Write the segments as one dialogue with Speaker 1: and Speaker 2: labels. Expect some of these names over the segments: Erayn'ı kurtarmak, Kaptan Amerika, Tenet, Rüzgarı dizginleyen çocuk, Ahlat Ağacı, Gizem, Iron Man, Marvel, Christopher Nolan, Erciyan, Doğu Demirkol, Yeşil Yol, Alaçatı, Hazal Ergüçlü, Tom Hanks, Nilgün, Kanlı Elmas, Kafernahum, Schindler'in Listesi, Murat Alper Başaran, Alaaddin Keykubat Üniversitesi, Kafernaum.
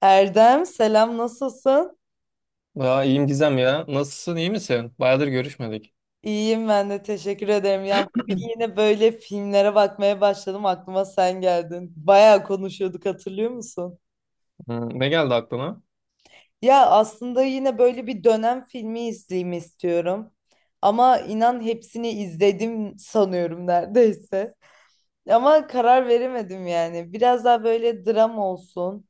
Speaker 1: Erdem selam, nasılsın?
Speaker 2: Ya iyiyim Gizem ya. Nasılsın, iyi misin? Bayağıdır görüşmedik.
Speaker 1: İyiyim, ben de teşekkür ederim. Ya bugün yine böyle filmlere bakmaya başladım, aklıma sen geldin. Bayağı konuşuyorduk, hatırlıyor musun?
Speaker 2: Hmm, ne geldi aklına?
Speaker 1: Ya aslında yine böyle bir dönem filmi izleyeyim istiyorum. Ama inan hepsini izledim sanıyorum neredeyse. Ama karar veremedim yani. Biraz daha böyle dram olsun.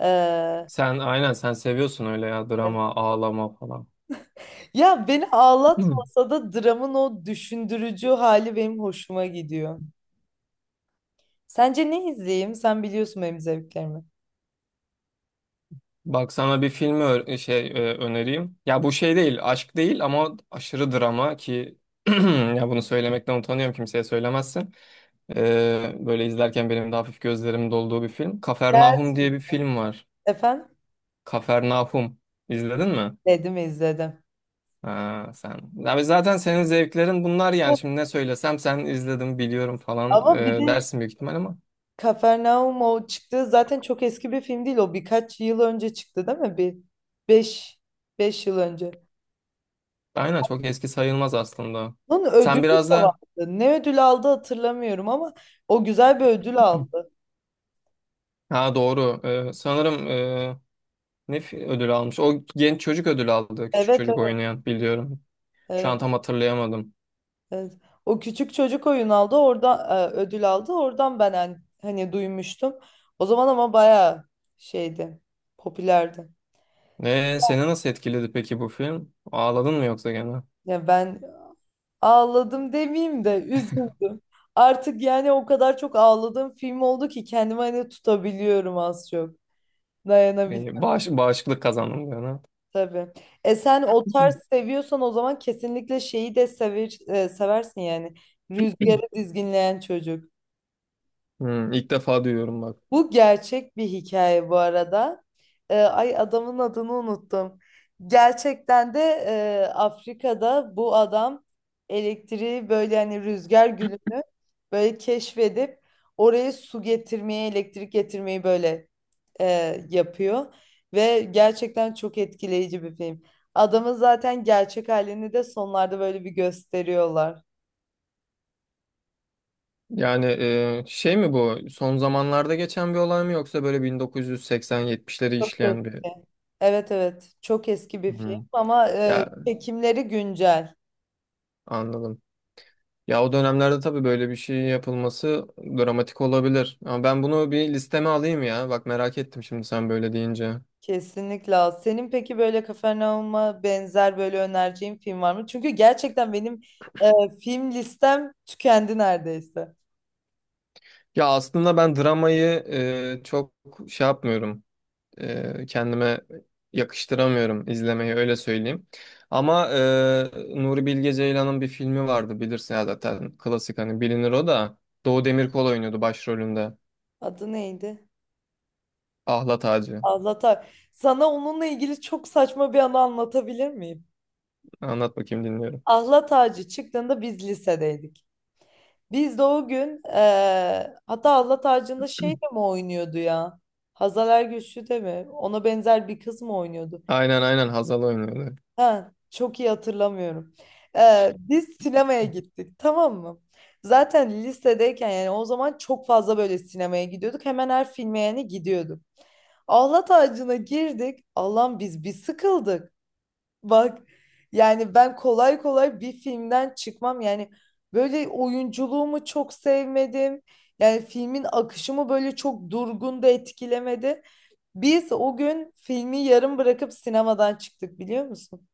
Speaker 1: Ee,
Speaker 2: Sen seviyorsun öyle ya drama, ağlama falan.
Speaker 1: ya beni
Speaker 2: Hmm.
Speaker 1: ağlatmasa da dramın o düşündürücü hali benim hoşuma gidiyor. Sence ne izleyeyim? Sen biliyorsun benim zevklerimi.
Speaker 2: Bak sana bir filmi önereyim. Ya bu şey değil, aşk değil ama aşırı drama ki ya bunu söylemekten utanıyorum kimseye söylemezsin. Böyle izlerken benim de hafif gözlerim dolduğu bir film. Kafernahum diye
Speaker 1: Gerçek.
Speaker 2: bir film var.
Speaker 1: Efendim?
Speaker 2: Kafernahum. İzledin mi?
Speaker 1: Dedim izledim.
Speaker 2: Ha, sen. Abi zaten senin zevklerin bunlar yani.
Speaker 1: Çok-
Speaker 2: Şimdi ne söylesem sen izledim biliyorum falan
Speaker 1: Ama bir de
Speaker 2: dersin büyük ihtimal ama.
Speaker 1: Kafernaum o çıktı. Zaten çok eski bir film değil o. Birkaç yıl önce çıktı değil mi? Bir 5 5 yıl önce.
Speaker 2: Aynen çok eski sayılmaz aslında.
Speaker 1: Bunun ödülü
Speaker 2: Sen biraz
Speaker 1: de vardı.
Speaker 2: da
Speaker 1: Ne ödül aldı hatırlamıyorum ama o güzel bir ödül aldı.
Speaker 2: ha doğru. Sanırım, ne ödül almış? O genç çocuk ödül aldı. Küçük
Speaker 1: Evet,
Speaker 2: çocuk
Speaker 1: evet.
Speaker 2: oynayan biliyorum. Şu an
Speaker 1: Evet.
Speaker 2: tam hatırlayamadım.
Speaker 1: Evet. O küçük çocuk oyun aldı. Orada ödül aldı. Oradan ben hani duymuştum. O zaman ama bayağı şeydi. Popülerdi.
Speaker 2: Seni nasıl etkiledi peki bu film? Ağladın mı yoksa gene?
Speaker 1: Ya ben ağladım demeyeyim de üzüldüm. Artık yani o kadar çok ağladığım film oldu ki kendimi hani tutabiliyorum az çok. Dayanabiliyorum
Speaker 2: Bağışıklık kazandın gene.
Speaker 1: tabii. E sen o tarz seviyorsan o zaman kesinlikle şeyi de sever, seversin yani. Rüzgarı dizginleyen çocuk.
Speaker 2: Hı, ilk defa duyuyorum bak.
Speaker 1: Bu gerçek bir hikaye bu arada. Ay, adamın adını unuttum. Gerçekten de Afrika'da bu adam elektriği böyle hani rüzgar gülünü böyle keşfedip oraya su getirmeyi, elektrik getirmeyi böyle, e, yapıyor. Ve gerçekten çok etkileyici bir film. Adamın zaten gerçek halini de sonlarda böyle bir gösteriyorlar.
Speaker 2: Yani şey mi bu? Son zamanlarda geçen bir olay mı yoksa böyle 1980-70'leri
Speaker 1: Çok
Speaker 2: işleyen bir
Speaker 1: eski. Evet, evet. Çok eski bir film
Speaker 2: hı.
Speaker 1: ama
Speaker 2: Ya
Speaker 1: çekimleri güncel.
Speaker 2: anladım. Ya o dönemlerde tabii böyle bir şey yapılması dramatik olabilir. Ama ben bunu bir listeme alayım ya. Bak merak ettim şimdi sen böyle deyince.
Speaker 1: Kesinlikle. Al. Senin peki böyle Kafernaum'a benzer böyle önereceğin film var mı? Çünkü gerçekten benim film listem tükendi neredeyse.
Speaker 2: Ya aslında ben dramayı çok şey yapmıyorum. Kendime yakıştıramıyorum izlemeyi öyle söyleyeyim. Ama Nuri Bilge Ceylan'ın bir filmi vardı bilirsin ya zaten klasik hani bilinir o da Doğu Demirkol oynuyordu başrolünde.
Speaker 1: Adı neydi?
Speaker 2: Ahlat Ağacı.
Speaker 1: Ahlat Ağacı. Sana onunla ilgili çok saçma bir anı anlatabilir miyim?
Speaker 2: Anlat bakayım dinliyorum.
Speaker 1: Ahlat Ağacı çıktığında biz lisedeydik. Biz de o gün hatta Allah tacında şey de mi oynuyordu ya? Hazal Ergüçlü de mi? Ona benzer bir kız mı oynuyordu?
Speaker 2: Aynen Hazal oynuyordu.
Speaker 1: Ha, çok iyi hatırlamıyorum. Biz sinemaya gittik tamam mı? Zaten lisedeyken yani o zaman çok fazla böyle sinemaya gidiyorduk. Hemen her filme yani gidiyorduk. Allah tacına girdik. Allah'ım biz bir sıkıldık. Bak yani ben kolay kolay bir filmden çıkmam. Yani böyle oyunculuğumu çok sevmedim. Yani filmin akışımı böyle çok durgun da etkilemedi. Biz o gün filmi yarım bırakıp sinemadan çıktık, biliyor musun?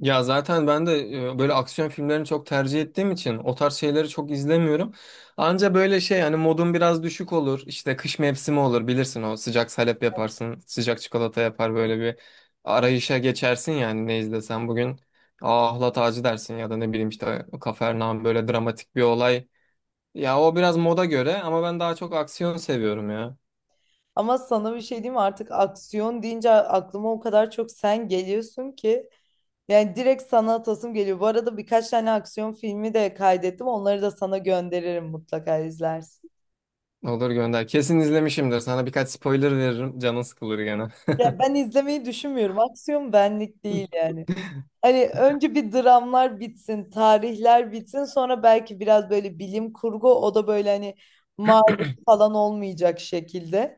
Speaker 2: Ya zaten ben de böyle aksiyon filmlerini çok tercih ettiğim için o tarz şeyleri çok izlemiyorum. Anca böyle şey hani modum biraz düşük olur. İşte kış mevsimi olur bilirsin o sıcak salep yaparsın. Sıcak çikolata yapar böyle bir arayışa geçersin yani ne izlesen bugün. Aa ahlat ağacı dersin ya da ne bileyim işte Kafernaum böyle dramatik bir olay. Ya o biraz moda göre ama ben daha çok aksiyon seviyorum ya.
Speaker 1: Ama sana bir şey diyeyim mi? Artık aksiyon deyince aklıma o kadar çok sen geliyorsun ki. Yani direkt sana atasım geliyor. Bu arada birkaç tane aksiyon filmi de kaydettim. Onları da sana gönderirim, mutlaka izlersin.
Speaker 2: Olur gönder. Kesin izlemişimdir. Sana birkaç spoiler veririm. Canın sıkılır gene.
Speaker 1: Ya ben izlemeyi düşünmüyorum. Aksiyon benlik değil yani. Hani önce bir dramlar bitsin, tarihler bitsin, sonra belki biraz böyle bilim kurgu, o da böyle hani Marvel falan olmayacak şekilde.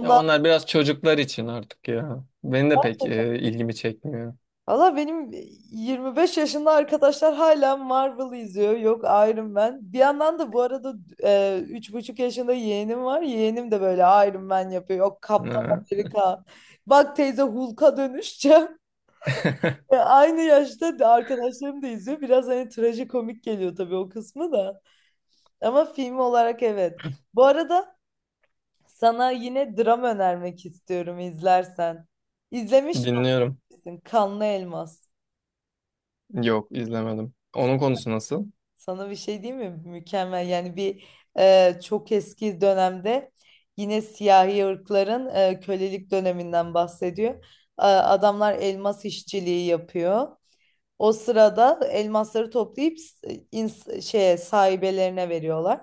Speaker 2: Ya onlar biraz çocuklar için artık ya. Benim de pek ilgimi çekmiyor.
Speaker 1: Valla benim 25 yaşında arkadaşlar hala Marvel izliyor. Yok, Iron Man. Bir yandan da bu arada 3,5 yaşında yeğenim var. Yeğenim de böyle Iron Man yapıyor. Yok, Kaptan
Speaker 2: Ha.
Speaker 1: Amerika. Bak teyze, Hulk'a dönüşeceğim. Aynı yaşta da arkadaşlarım da izliyor. Biraz hani trajikomik geliyor tabii o kısmı da. Ama film olarak evet. Bu arada sana yine dram önermek istiyorum, izlersen. İzlemiş de
Speaker 2: Dinliyorum.
Speaker 1: olabilirsin. Kanlı Elmas.
Speaker 2: Yok izlemedim. Onun konusu nasıl?
Speaker 1: Sana bir şey diyeyim mi? Mükemmel. Yani bir, çok eski dönemde yine siyahi ırkların, kölelik döneminden bahsediyor. Adamlar elmas işçiliği yapıyor. O sırada elmasları toplayıp şeye, sahibelerine veriyorlar.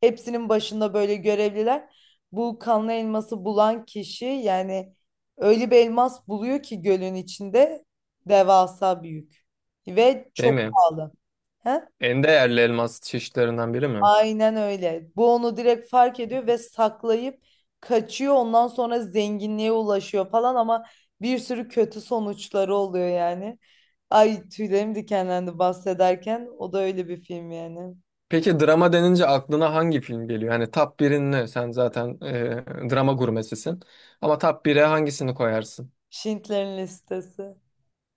Speaker 1: Hepsinin başında böyle görevliler. Bu kanlı elması bulan kişi yani öyle bir elmas buluyor ki gölün içinde, devasa büyük ve
Speaker 2: Şey
Speaker 1: çok
Speaker 2: mi?
Speaker 1: pahalı. He?
Speaker 2: En değerli elmas çeşitlerinden biri mi?
Speaker 1: Aynen öyle. Bu onu direkt fark ediyor ve saklayıp kaçıyor. Ondan sonra zenginliğe ulaşıyor falan ama bir sürü kötü sonuçları oluyor yani. Ay, tüylerim dikenlendi bahsederken. O da öyle bir film yani.
Speaker 2: Peki drama denince aklına hangi film geliyor? Hani top 1'in ne? Sen zaten drama gurmesisin. Ama top 1'e hangisini koyarsın?
Speaker 1: Schindler'in Listesi.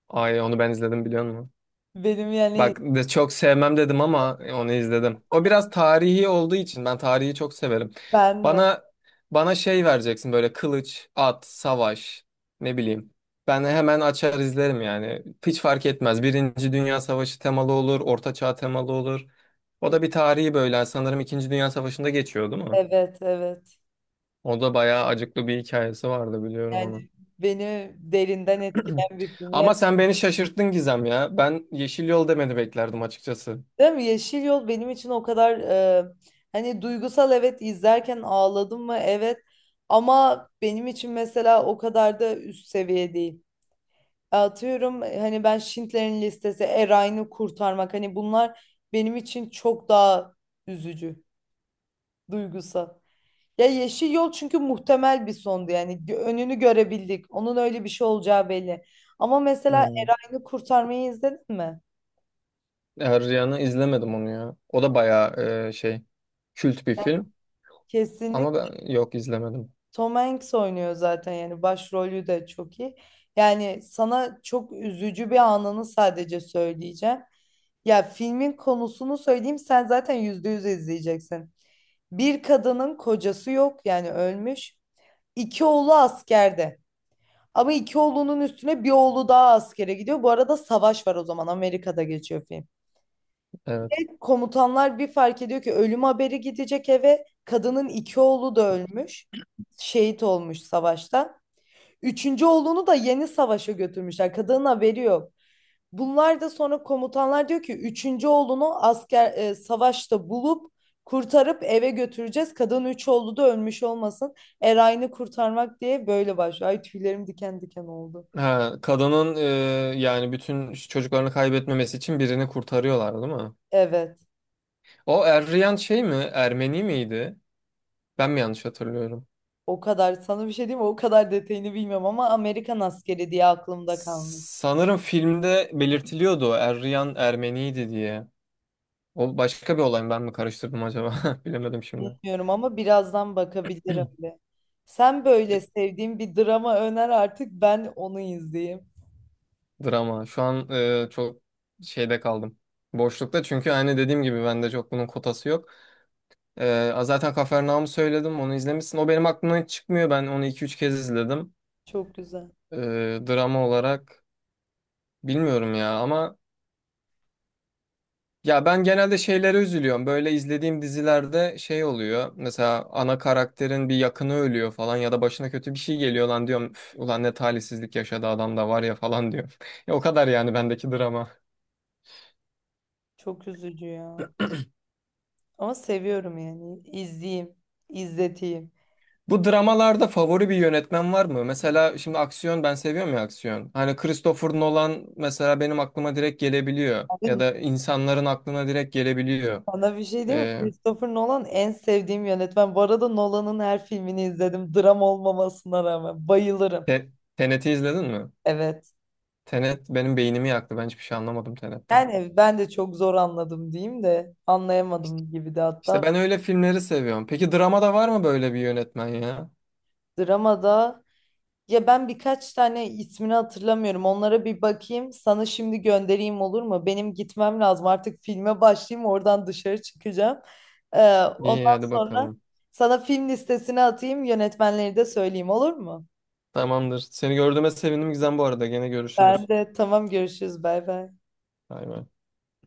Speaker 2: Ay onu ben izledim biliyor musun?
Speaker 1: Benim yani
Speaker 2: Bak de çok sevmem dedim ama onu izledim. O biraz tarihi olduğu için ben tarihi çok severim.
Speaker 1: ben de
Speaker 2: Bana bana şey vereceksin böyle kılıç, at, savaş ne bileyim. Ben hemen açar izlerim yani. Hiç fark etmez. Birinci Dünya Savaşı temalı olur, Orta Çağ temalı olur. O da bir tarihi böyle sanırım İkinci Dünya Savaşı'nda geçiyor değil mi?
Speaker 1: evet, evet.
Speaker 2: O da bayağı acıklı bir hikayesi vardı biliyorum onu.
Speaker 1: Yani beni derinden etkileyen bir film.
Speaker 2: Ama
Speaker 1: Yani
Speaker 2: sen beni şaşırttın Gizem ya. Ben Yeşil Yol demeni beklerdim açıkçası.
Speaker 1: değil mi? Yeşil Yol benim için o kadar, hani duygusal, evet, izlerken ağladım mı, evet, ama benim için mesela o kadar da üst seviye değil. Atıyorum hani ben Schindler'in Listesi, Erayn'ı kurtarmak, hani bunlar benim için çok daha üzücü, duygusal. Ya Yeşil Yol çünkü muhtemel bir sondu yani. Önünü görebildik. Onun öyle bir şey olacağı belli. Ama mesela
Speaker 2: Hmm.
Speaker 1: Erayn'ı kurtarmayı izledin mi?
Speaker 2: Erciyan'ı izlemedim onu ya. O da bayağı e, şey kült bir film ama
Speaker 1: Kesinlikle.
Speaker 2: ben yok izlemedim.
Speaker 1: Tom Hanks oynuyor zaten, yani başrolü de çok iyi. Yani sana çok üzücü bir anını sadece söyleyeceğim. Ya filmin konusunu söyleyeyim sen zaten %100 izleyeceksin. Bir kadının kocası yok, yani ölmüş. İki oğlu askerde. Ama iki oğlunun üstüne bir oğlu daha askere gidiyor. Bu arada savaş var o zaman, Amerika'da geçiyor film.
Speaker 2: Evet.
Speaker 1: Komutanlar bir fark ediyor ki ölüm haberi gidecek eve. Kadının iki oğlu da ölmüş. Şehit olmuş savaşta. Üçüncü oğlunu da yeni savaşa götürmüşler. Kadının haberi yok. Bunlar da sonra komutanlar diyor ki üçüncü oğlunu asker, savaşta bulup kurtarıp eve götüreceğiz. Kadın üç oğlu da ölmüş olmasın. Erayn'ı kurtarmak diye böyle başlıyor. Ay, tüylerim diken diken oldu.
Speaker 2: Ha, kadının yani bütün çocuklarını kaybetmemesi için birini kurtarıyorlar değil mi?
Speaker 1: Evet.
Speaker 2: O Erriyan şey mi? Ermeni miydi? Ben mi yanlış hatırlıyorum?
Speaker 1: O kadar, sana bir şey diyeyim mi? O kadar detayını bilmiyorum ama Amerikan askeri diye aklımda kalmış.
Speaker 2: Sanırım filmde belirtiliyordu o Eryan Ermeniydi diye. O başka bir olay mı ben mi karıştırdım acaba? Bilemedim şimdi.
Speaker 1: Bilmiyorum ama birazdan bakabilirim de. Sen böyle sevdiğin bir drama öner artık, ben onu izleyeyim.
Speaker 2: Drama. Şu an çok şeyde kaldım. Boşlukta çünkü aynı dediğim gibi bende çok bunun kotası yok. Zaten Kafernaum'u söyledim onu izlemişsin. O benim aklımdan hiç çıkmıyor. Ben onu 2 3 kez izledim.
Speaker 1: Çok güzel.
Speaker 2: E, Drama olarak bilmiyorum ya ama ya ben genelde şeylere üzülüyorum. Böyle izlediğim dizilerde şey oluyor. Mesela ana karakterin bir yakını ölüyor falan ya da başına kötü bir şey geliyor lan diyorum. "Üf, ulan ne talihsizlik yaşadı adam da var ya falan diyorum. Ya o kadar yani bendeki drama.
Speaker 1: Çok üzücü ya. Ama seviyorum yani. İzleyeyim, izleteyim.
Speaker 2: Bu dramalarda favori bir yönetmen var mı? Mesela şimdi aksiyon ben seviyorum ya aksiyon. Hani Christopher Nolan mesela benim aklıma direkt gelebiliyor. Ya
Speaker 1: Abi,
Speaker 2: da insanların aklına direkt gelebiliyor.
Speaker 1: sana bir şey değil mi?
Speaker 2: Ee,
Speaker 1: Christopher Nolan en sevdiğim yönetmen. Bu arada Nolan'ın her filmini izledim. Dram olmamasına rağmen. Bayılırım.
Speaker 2: Te- Tenet'i izledin mi?
Speaker 1: Evet.
Speaker 2: Tenet benim beynimi yaktı. Ben hiçbir şey anlamadım Tenet'ten.
Speaker 1: Yani ben de çok zor anladım diyeyim de anlayamadım gibi de
Speaker 2: İşte
Speaker 1: hatta.
Speaker 2: ben öyle filmleri seviyorum. Peki dramada var mı böyle bir yönetmen ya?
Speaker 1: Dramada Ya ben birkaç tane ismini hatırlamıyorum. Onlara bir bakayım. Sana şimdi göndereyim olur mu? Benim gitmem lazım. Artık filme başlayayım. Oradan dışarı çıkacağım.
Speaker 2: İyi
Speaker 1: Ondan
Speaker 2: hadi
Speaker 1: sonra
Speaker 2: bakalım.
Speaker 1: sana film listesini atayım. Yönetmenleri de söyleyeyim olur mu?
Speaker 2: Tamamdır. Seni gördüğüme sevindim Gizem bu arada. Gene
Speaker 1: Ben
Speaker 2: görüşürüz.
Speaker 1: de tamam, görüşürüz. Bay bay.
Speaker 2: Bay bay.